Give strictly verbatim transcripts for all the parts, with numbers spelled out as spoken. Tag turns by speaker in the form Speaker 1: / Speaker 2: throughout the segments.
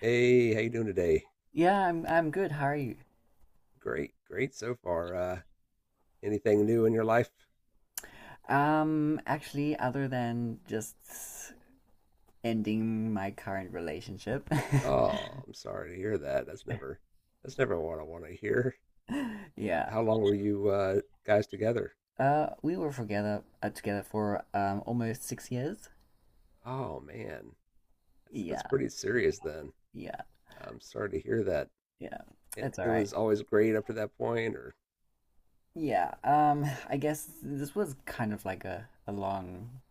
Speaker 1: Hey, how you doing today?
Speaker 2: Yeah, I'm I'm good. How are you?
Speaker 1: Great, great so far. Uh, anything new in your life?
Speaker 2: Um, actually, other than just ending my current relationship.
Speaker 1: Oh, I'm sorry to hear that. That's never, that's never what I want to hear. Uh,
Speaker 2: Yeah.
Speaker 1: how long were you uh, guys together?
Speaker 2: Uh, we were together uh, together for um almost six years.
Speaker 1: Oh man, that's that's
Speaker 2: Yeah,
Speaker 1: pretty serious then.
Speaker 2: yeah,
Speaker 1: I'm sorry to hear that.
Speaker 2: yeah.
Speaker 1: It
Speaker 2: It's all
Speaker 1: it
Speaker 2: right.
Speaker 1: was always great up to that point, or
Speaker 2: Yeah. Um, I guess this was kind of like a a long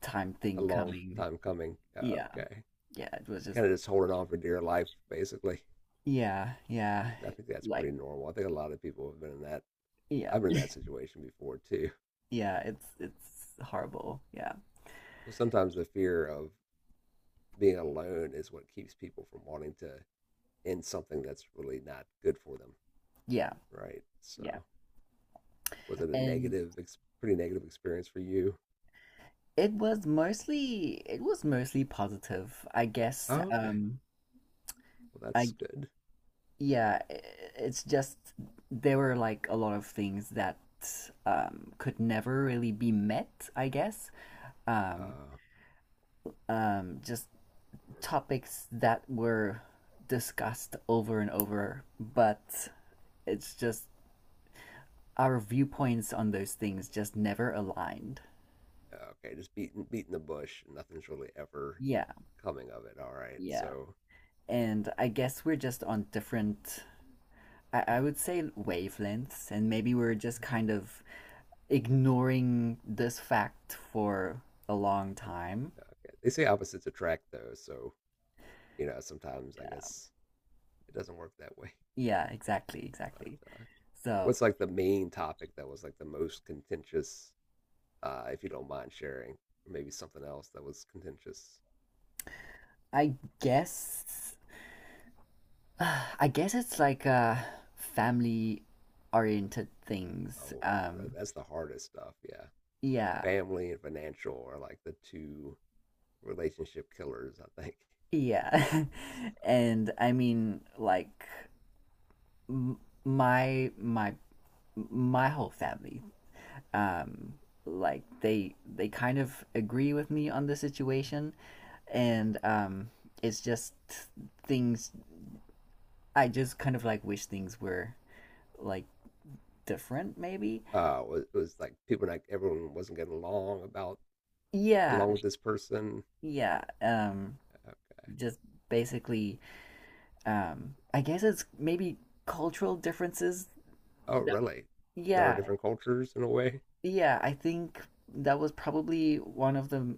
Speaker 2: time
Speaker 1: a
Speaker 2: thing
Speaker 1: long
Speaker 2: coming.
Speaker 1: time coming. Uh,
Speaker 2: Yeah,
Speaker 1: okay,
Speaker 2: yeah. It was just
Speaker 1: kind of just holding on for dear life, basically.
Speaker 2: yeah, yeah.
Speaker 1: I think that's
Speaker 2: Like
Speaker 1: pretty normal. I think a lot of people have been in that.
Speaker 2: yeah,
Speaker 1: I've been in that situation before too.
Speaker 2: yeah. It's it's horrible. Yeah,
Speaker 1: Well, sometimes the fear of being alone is what keeps people from wanting to end something that's really not good for them,
Speaker 2: yeah,
Speaker 1: right? So, was it a
Speaker 2: yeah.
Speaker 1: negative, ex- pretty negative experience for you?
Speaker 2: It was mostly it was mostly positive, I guess.
Speaker 1: Oh, okay.
Speaker 2: Um,
Speaker 1: Well,
Speaker 2: I
Speaker 1: that's good.
Speaker 2: Yeah, i- it's just there were like a lot of things that um could never really be met, I guess. Um,
Speaker 1: Uh,
Speaker 2: um, just topics that were discussed over and over, but it's just our viewpoints on those things just never aligned.
Speaker 1: okay, just beating beating the bush. And nothing's really ever
Speaker 2: Yeah,
Speaker 1: coming of it. All right.
Speaker 2: yeah.
Speaker 1: So,
Speaker 2: And I guess we're just on different I, I would say wavelengths, and maybe
Speaker 1: uh,
Speaker 2: we're just kind of ignoring this fact for a long time.
Speaker 1: okay. They say opposites attract, though. So, you know, sometimes I
Speaker 2: Yeah.
Speaker 1: guess it doesn't work that way.
Speaker 2: Yeah, exactly, exactly.
Speaker 1: But uh,
Speaker 2: So
Speaker 1: what's like the main topic that was like the most contentious uh, if you don't mind sharing. Or maybe something else that was contentious.
Speaker 2: I guess I guess it's like uh family oriented things.
Speaker 1: Oh, that,
Speaker 2: Um
Speaker 1: that's the hardest stuff. Yeah.
Speaker 2: yeah.
Speaker 1: Family and financial are like the two relationship killers, I think.
Speaker 2: Yeah.
Speaker 1: So,
Speaker 2: And I mean like m- my my my whole family. um, like they they kind of agree with me on the situation, and um, it's just things. I just kind of like wish things were like different, maybe.
Speaker 1: Uh, it was, it was like people, like everyone wasn't getting along about
Speaker 2: Yeah,
Speaker 1: along with this person.
Speaker 2: yeah. Um,
Speaker 1: Okay.
Speaker 2: just basically, um, I guess it's maybe cultural differences.
Speaker 1: Oh,
Speaker 2: that-
Speaker 1: really? Y'all are
Speaker 2: Yeah,
Speaker 1: different cultures in a way,
Speaker 2: yeah. I think that was probably one of the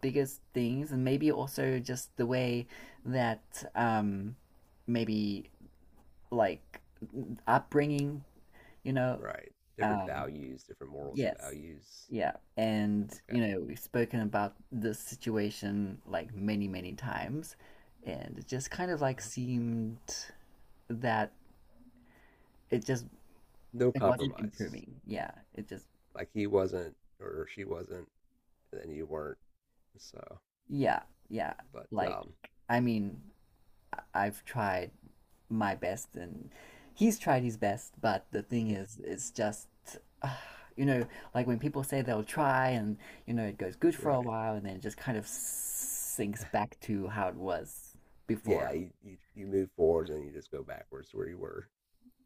Speaker 2: biggest things, and maybe also just the way that um, maybe like upbringing, you know.
Speaker 1: right? Different
Speaker 2: Um,
Speaker 1: values, different morals and
Speaker 2: yes,
Speaker 1: values.
Speaker 2: yeah, and you
Speaker 1: Okay.
Speaker 2: know we've spoken about this situation like many many times, and it just kind of like
Speaker 1: Okay.
Speaker 2: seemed that it just
Speaker 1: No
Speaker 2: it wasn't
Speaker 1: compromise.
Speaker 2: improving. Yeah, it just
Speaker 1: Like he wasn't or she wasn't, and then you weren't. So,
Speaker 2: yeah, yeah.
Speaker 1: but
Speaker 2: Like
Speaker 1: um,
Speaker 2: I mean I've tried my best and he's tried his best, but the thing
Speaker 1: yeah,
Speaker 2: is it's just ah, you know, like when people say they'll try, and you know it goes good for a
Speaker 1: right.
Speaker 2: while and then it just kind of sinks back to how it was
Speaker 1: Yeah,
Speaker 2: before.
Speaker 1: you, you, you move forward and then you just go backwards to where you were.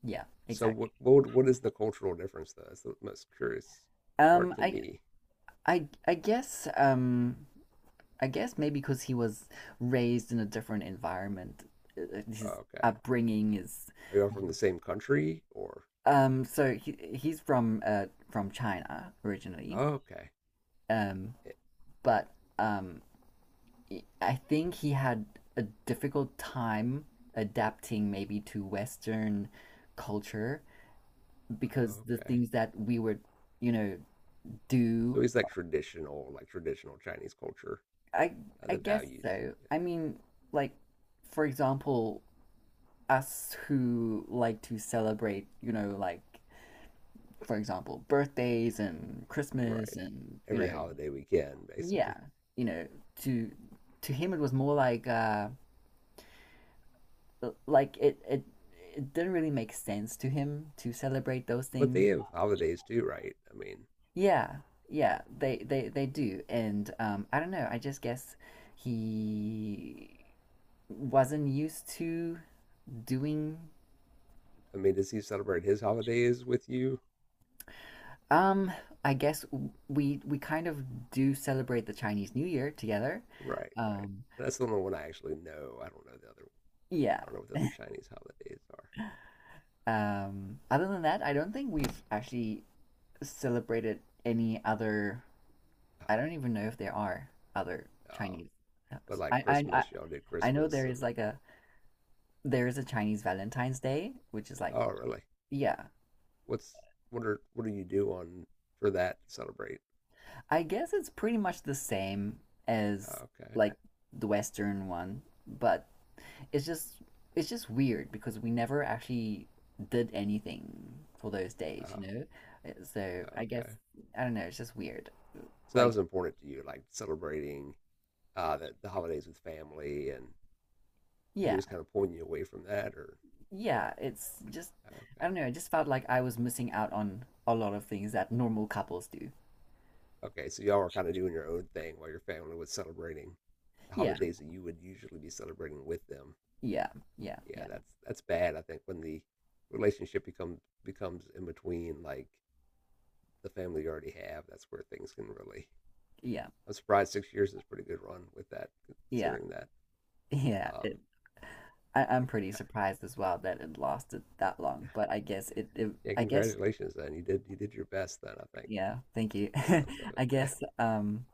Speaker 2: Yeah,
Speaker 1: So what
Speaker 2: exactly.
Speaker 1: what what is the cultural difference though? That's the most curious part
Speaker 2: um
Speaker 1: to
Speaker 2: i
Speaker 1: me.
Speaker 2: i i guess um I guess maybe because he was raised in a different environment. Uh, his
Speaker 1: Okay,
Speaker 2: upbringing is
Speaker 1: are you all from the same country or?
Speaker 2: um so he, he's from uh from China originally,
Speaker 1: Oh, okay,
Speaker 2: um
Speaker 1: It-
Speaker 2: but um I think he had a difficult time adapting maybe to Western culture because
Speaker 1: oh,
Speaker 2: the
Speaker 1: okay.
Speaker 2: things that we would, you know,
Speaker 1: So
Speaker 2: do.
Speaker 1: he's like traditional, like traditional Chinese culture,
Speaker 2: I
Speaker 1: uh,
Speaker 2: I
Speaker 1: the
Speaker 2: guess
Speaker 1: values,
Speaker 2: so.
Speaker 1: yeah.
Speaker 2: I mean, like for example, us who like to celebrate, you know, like for example, birthdays and Christmas
Speaker 1: Right?
Speaker 2: and you
Speaker 1: Every
Speaker 2: know,
Speaker 1: holiday weekend,
Speaker 2: yeah,
Speaker 1: basically.
Speaker 2: you know, to to him it was more like uh like it it it didn't really make sense to him to celebrate those
Speaker 1: But they
Speaker 2: things.
Speaker 1: have holidays too, right? I mean,
Speaker 2: Yeah, yeah, they they they do, and um, I don't know. I just guess he wasn't used to doing.
Speaker 1: I mean, does he celebrate his holidays with you?
Speaker 2: Um, I guess w- we we kind of do celebrate the Chinese New Year together.
Speaker 1: Right, right.
Speaker 2: Um,
Speaker 1: That's the only one I actually know. I don't know the other. I
Speaker 2: yeah.
Speaker 1: don't know what the other Chinese holidays are.
Speaker 2: Um, other than that, I don't think we've actually celebrated any other.
Speaker 1: Ah,
Speaker 2: I don't even know if there are other
Speaker 1: oh,
Speaker 2: Chinese.
Speaker 1: but like
Speaker 2: I I I,
Speaker 1: Christmas, y'all did
Speaker 2: I know
Speaker 1: Christmas,
Speaker 2: there is
Speaker 1: and
Speaker 2: like a there is a Chinese Valentine's Day, which is like
Speaker 1: oh, really?
Speaker 2: yeah.
Speaker 1: What's what are what do you do on for that to celebrate?
Speaker 2: I guess it's pretty much the same as
Speaker 1: Oh, okay.
Speaker 2: like the Western one, but it's just it's just weird because we never actually did anything for those days, you
Speaker 1: Oh,
Speaker 2: know? Uh, So I guess
Speaker 1: okay.
Speaker 2: I don't know, it's just weird.
Speaker 1: So that
Speaker 2: Like
Speaker 1: was important to you, like celebrating uh the, the holidays with family, and he
Speaker 2: yeah,
Speaker 1: was kind of pulling you away from that, or
Speaker 2: yeah, it's just I
Speaker 1: okay,
Speaker 2: don't know, I just felt like I was missing out on a lot of things that normal couples do.
Speaker 1: okay. So y'all were kind of doing your own thing while your family was celebrating the
Speaker 2: Yeah,
Speaker 1: holidays that you would usually be celebrating with them.
Speaker 2: yeah, yeah,
Speaker 1: Yeah,
Speaker 2: yeah,
Speaker 1: that's that's bad. I think when the relationship becomes becomes in between like the family you already have, that's where things can really.
Speaker 2: yeah,
Speaker 1: I'm surprised six years is a pretty good run with that,
Speaker 2: yeah,
Speaker 1: considering that.
Speaker 2: yeah. It,
Speaker 1: Um,
Speaker 2: I, I'm pretty surprised as well that it lasted that long, but I guess it, it
Speaker 1: yeah,
Speaker 2: I guess
Speaker 1: congratulations. Then you did you did your best. Then I think it
Speaker 2: yeah, thank you.
Speaker 1: sounds of
Speaker 2: I
Speaker 1: it.
Speaker 2: guess um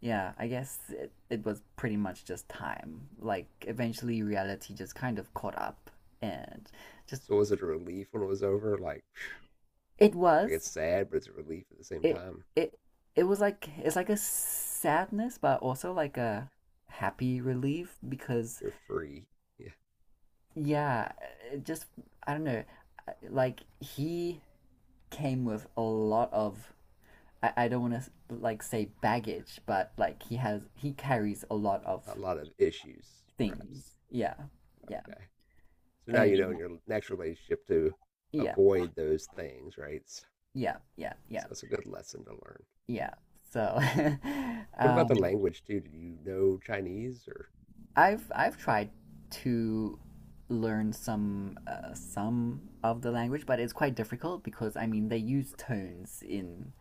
Speaker 2: yeah, I guess it, it was pretty much just time. Like eventually reality just kind of caught up. And just
Speaker 1: So was it a relief when it was over? Like, phew,
Speaker 2: it
Speaker 1: like
Speaker 2: was
Speaker 1: it's sad, but it's a relief at the same
Speaker 2: it
Speaker 1: time.
Speaker 2: it it was like it's like a sadness but also like
Speaker 1: Yeah,
Speaker 2: a happy relief because
Speaker 1: you're free. Yeah,
Speaker 2: yeah it just I don't know, like he came with a lot of i, I don't want to like say baggage but like he has he carries a lot of
Speaker 1: a lot of issues perhaps.
Speaker 2: things. Yeah, yeah,
Speaker 1: Okay. So now
Speaker 2: and
Speaker 1: you know in your next relationship to
Speaker 2: yeah,
Speaker 1: avoid those things, right? So,
Speaker 2: yeah, yeah, yeah,
Speaker 1: so that's a good lesson to learn.
Speaker 2: yeah, so.
Speaker 1: What about
Speaker 2: um
Speaker 1: the language too? Did you know Chinese or?
Speaker 2: I've I've tried to learn some uh, some of the language, but it's quite difficult because I mean they use tones in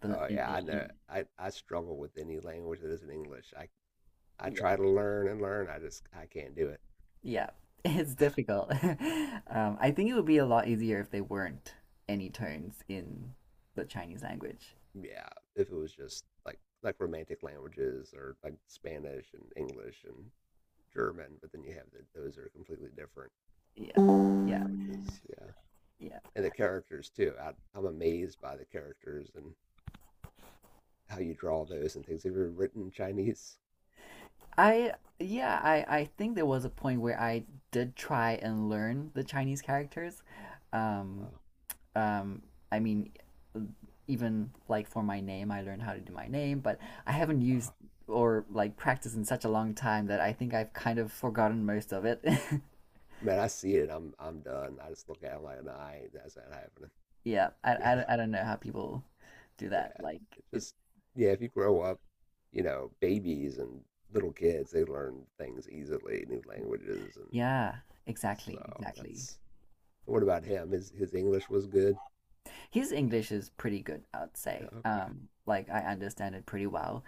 Speaker 2: the
Speaker 1: Oh
Speaker 2: in,
Speaker 1: yeah,
Speaker 2: in,
Speaker 1: I
Speaker 2: in
Speaker 1: know. I, I struggle with any language that isn't English. I I
Speaker 2: yeah,
Speaker 1: try to learn and learn. I just I can't do it.
Speaker 2: yeah. It's difficult. um, I think it would be a lot easier if they weren't any tones in the Chinese language.
Speaker 1: Yeah, if it was just like like romantic languages or like Spanish and English and German, but then you have the, those are completely different
Speaker 2: Yeah, yeah,
Speaker 1: languages. Yeah.
Speaker 2: yeah.
Speaker 1: And the characters too. I, I'm amazed by the characters and how you draw those and things. Have you ever written Chinese?
Speaker 2: I Yeah, I I think there was a point where I did try and learn the Chinese characters. Um,
Speaker 1: Wow,
Speaker 2: um, I mean, even like for my name, I learned how to do my name, but I haven't
Speaker 1: uh,
Speaker 2: used or like practiced in such a long time that I think I've kind of forgotten most of it.
Speaker 1: man, I see it. I'm I'm done. I just look at it like, nah, ain't- that's not happening.
Speaker 2: Yeah, I,
Speaker 1: Yeah,
Speaker 2: I, I don't know how people do
Speaker 1: yeah.
Speaker 2: that. Like,
Speaker 1: It
Speaker 2: it,
Speaker 1: just yeah. If you grow up, you know, babies and little kids, they learn things easily, new languages, and
Speaker 2: yeah, exactly,
Speaker 1: so
Speaker 2: exactly.
Speaker 1: that's. What about him? His his English was good.
Speaker 2: His English is pretty good, I'd say.
Speaker 1: Okay,
Speaker 2: Um, like I understand it pretty well.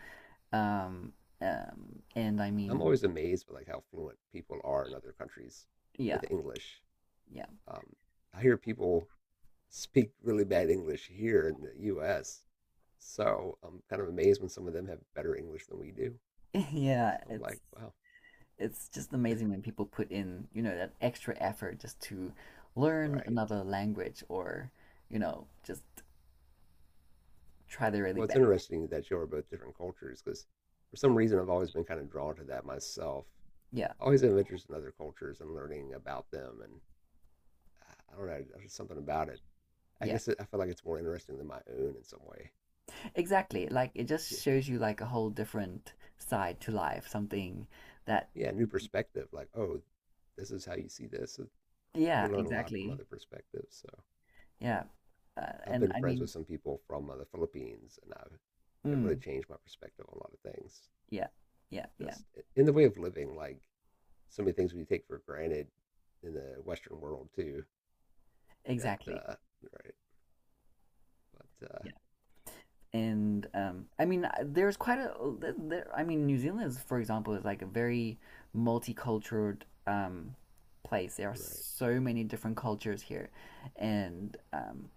Speaker 2: Um, um, and I
Speaker 1: I'm
Speaker 2: mean,
Speaker 1: always amazed by like how fluent people are in other countries
Speaker 2: yeah,
Speaker 1: with English.
Speaker 2: yeah,
Speaker 1: Um, I hear people speak really bad English here in the U S, so I'm kind of amazed when some of them have better English than we do.
Speaker 2: yeah.
Speaker 1: So I'm like,
Speaker 2: It's
Speaker 1: wow,
Speaker 2: it's just amazing when people put in, you know, that extra effort just to learn
Speaker 1: right.
Speaker 2: another language, or, you know, just try their really
Speaker 1: Well, it's
Speaker 2: best.
Speaker 1: interesting that you are both different cultures because for some reason I've always been kind of drawn to that myself.
Speaker 2: Yeah,
Speaker 1: I always have interest in other cultures and learning about them, and uh, I don't know, there's just something about it. I
Speaker 2: yeah,
Speaker 1: guess it, I feel like it's more interesting than my own in some way.
Speaker 2: exactly. Like it
Speaker 1: Yeah,
Speaker 2: just shows you like a whole different side to life, something that,
Speaker 1: yeah, new perspective. Like, oh, this is how you see this. So you
Speaker 2: yeah,
Speaker 1: can learn a lot from
Speaker 2: exactly.
Speaker 1: other perspectives. So
Speaker 2: Yeah. Uh,
Speaker 1: I've
Speaker 2: and
Speaker 1: been
Speaker 2: I
Speaker 1: friends
Speaker 2: mean,
Speaker 1: with some people from uh, the Philippines, and I've it really
Speaker 2: mm,
Speaker 1: changed my perspective on a lot of things.
Speaker 2: yeah, yeah, yeah,
Speaker 1: Just in the way of living, like so many things we take for granted in the Western world too. That
Speaker 2: exactly.
Speaker 1: uh, right, but uh,
Speaker 2: Yeah. and um, I mean, uh, there's quite a. there- I mean, New Zealand is, for example, is like a very multicultural um, place. There are
Speaker 1: right,
Speaker 2: so many different cultures here, and um,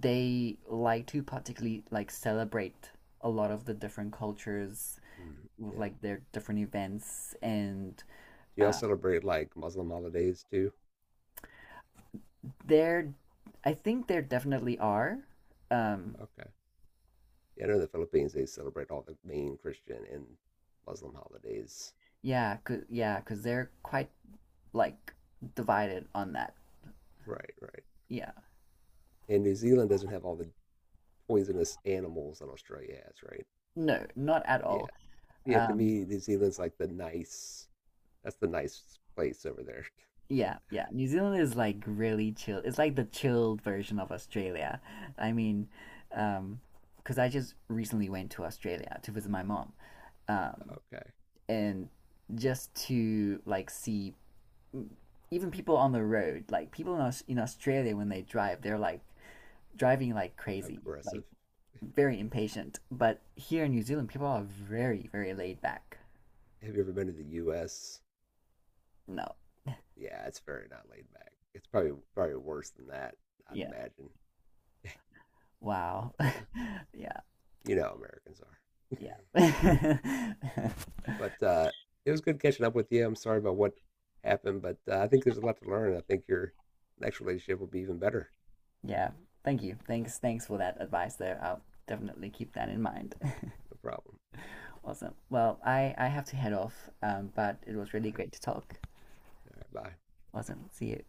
Speaker 2: they like to particularly like celebrate a lot of the different cultures
Speaker 1: mm,
Speaker 2: with
Speaker 1: yeah.
Speaker 2: like their different events, and
Speaker 1: Do y'all
Speaker 2: uh,
Speaker 1: celebrate like Muslim holidays too?
Speaker 2: they I think there definitely are. Um,
Speaker 1: Okay, yeah. I know in the Philippines they celebrate all the main Christian and Muslim holidays.
Speaker 2: yeah, cause, yeah, because they're quite like divided on that.
Speaker 1: Right, right.
Speaker 2: Yeah.
Speaker 1: And New Zealand doesn't have all the poisonous animals that Australia has, right?
Speaker 2: No, not at
Speaker 1: Yeah,
Speaker 2: all.
Speaker 1: yeah, to
Speaker 2: Um,
Speaker 1: me, New Zealand's like the nice. That's the nice place over there.
Speaker 2: yeah, yeah. New Zealand is like really chill. It's like the chilled version of Australia. I mean, um, because I just recently went to Australia to visit my mom, um,
Speaker 1: Okay,
Speaker 2: and just to like see even people on the road, like people in Aus in Australia, when they drive, they're like driving like crazy, like
Speaker 1: aggressive.
Speaker 2: very impatient. But here in New Zealand, people are very, very laid back.
Speaker 1: Have you ever been to the U S?
Speaker 2: No,
Speaker 1: Yeah, it's very not laid back. It's probably probably worse than that. I'd
Speaker 2: yeah,
Speaker 1: imagine,
Speaker 2: wow,
Speaker 1: but uh,
Speaker 2: yeah.
Speaker 1: you know, how Americans are.
Speaker 2: Yeah.
Speaker 1: But uh, it was good catching up with you. I'm sorry about what happened, but uh, I think there's a lot to learn. I think your next relationship will be even better.
Speaker 2: Yeah. Thank you. Thanks. Thanks for that advice there. I'll definitely keep that in mind.
Speaker 1: No problem.
Speaker 2: Awesome. Well, I I have to head off. Um, but it was
Speaker 1: All
Speaker 2: really
Speaker 1: right.
Speaker 2: great to talk.
Speaker 1: All right. Bye.
Speaker 2: Awesome. See you.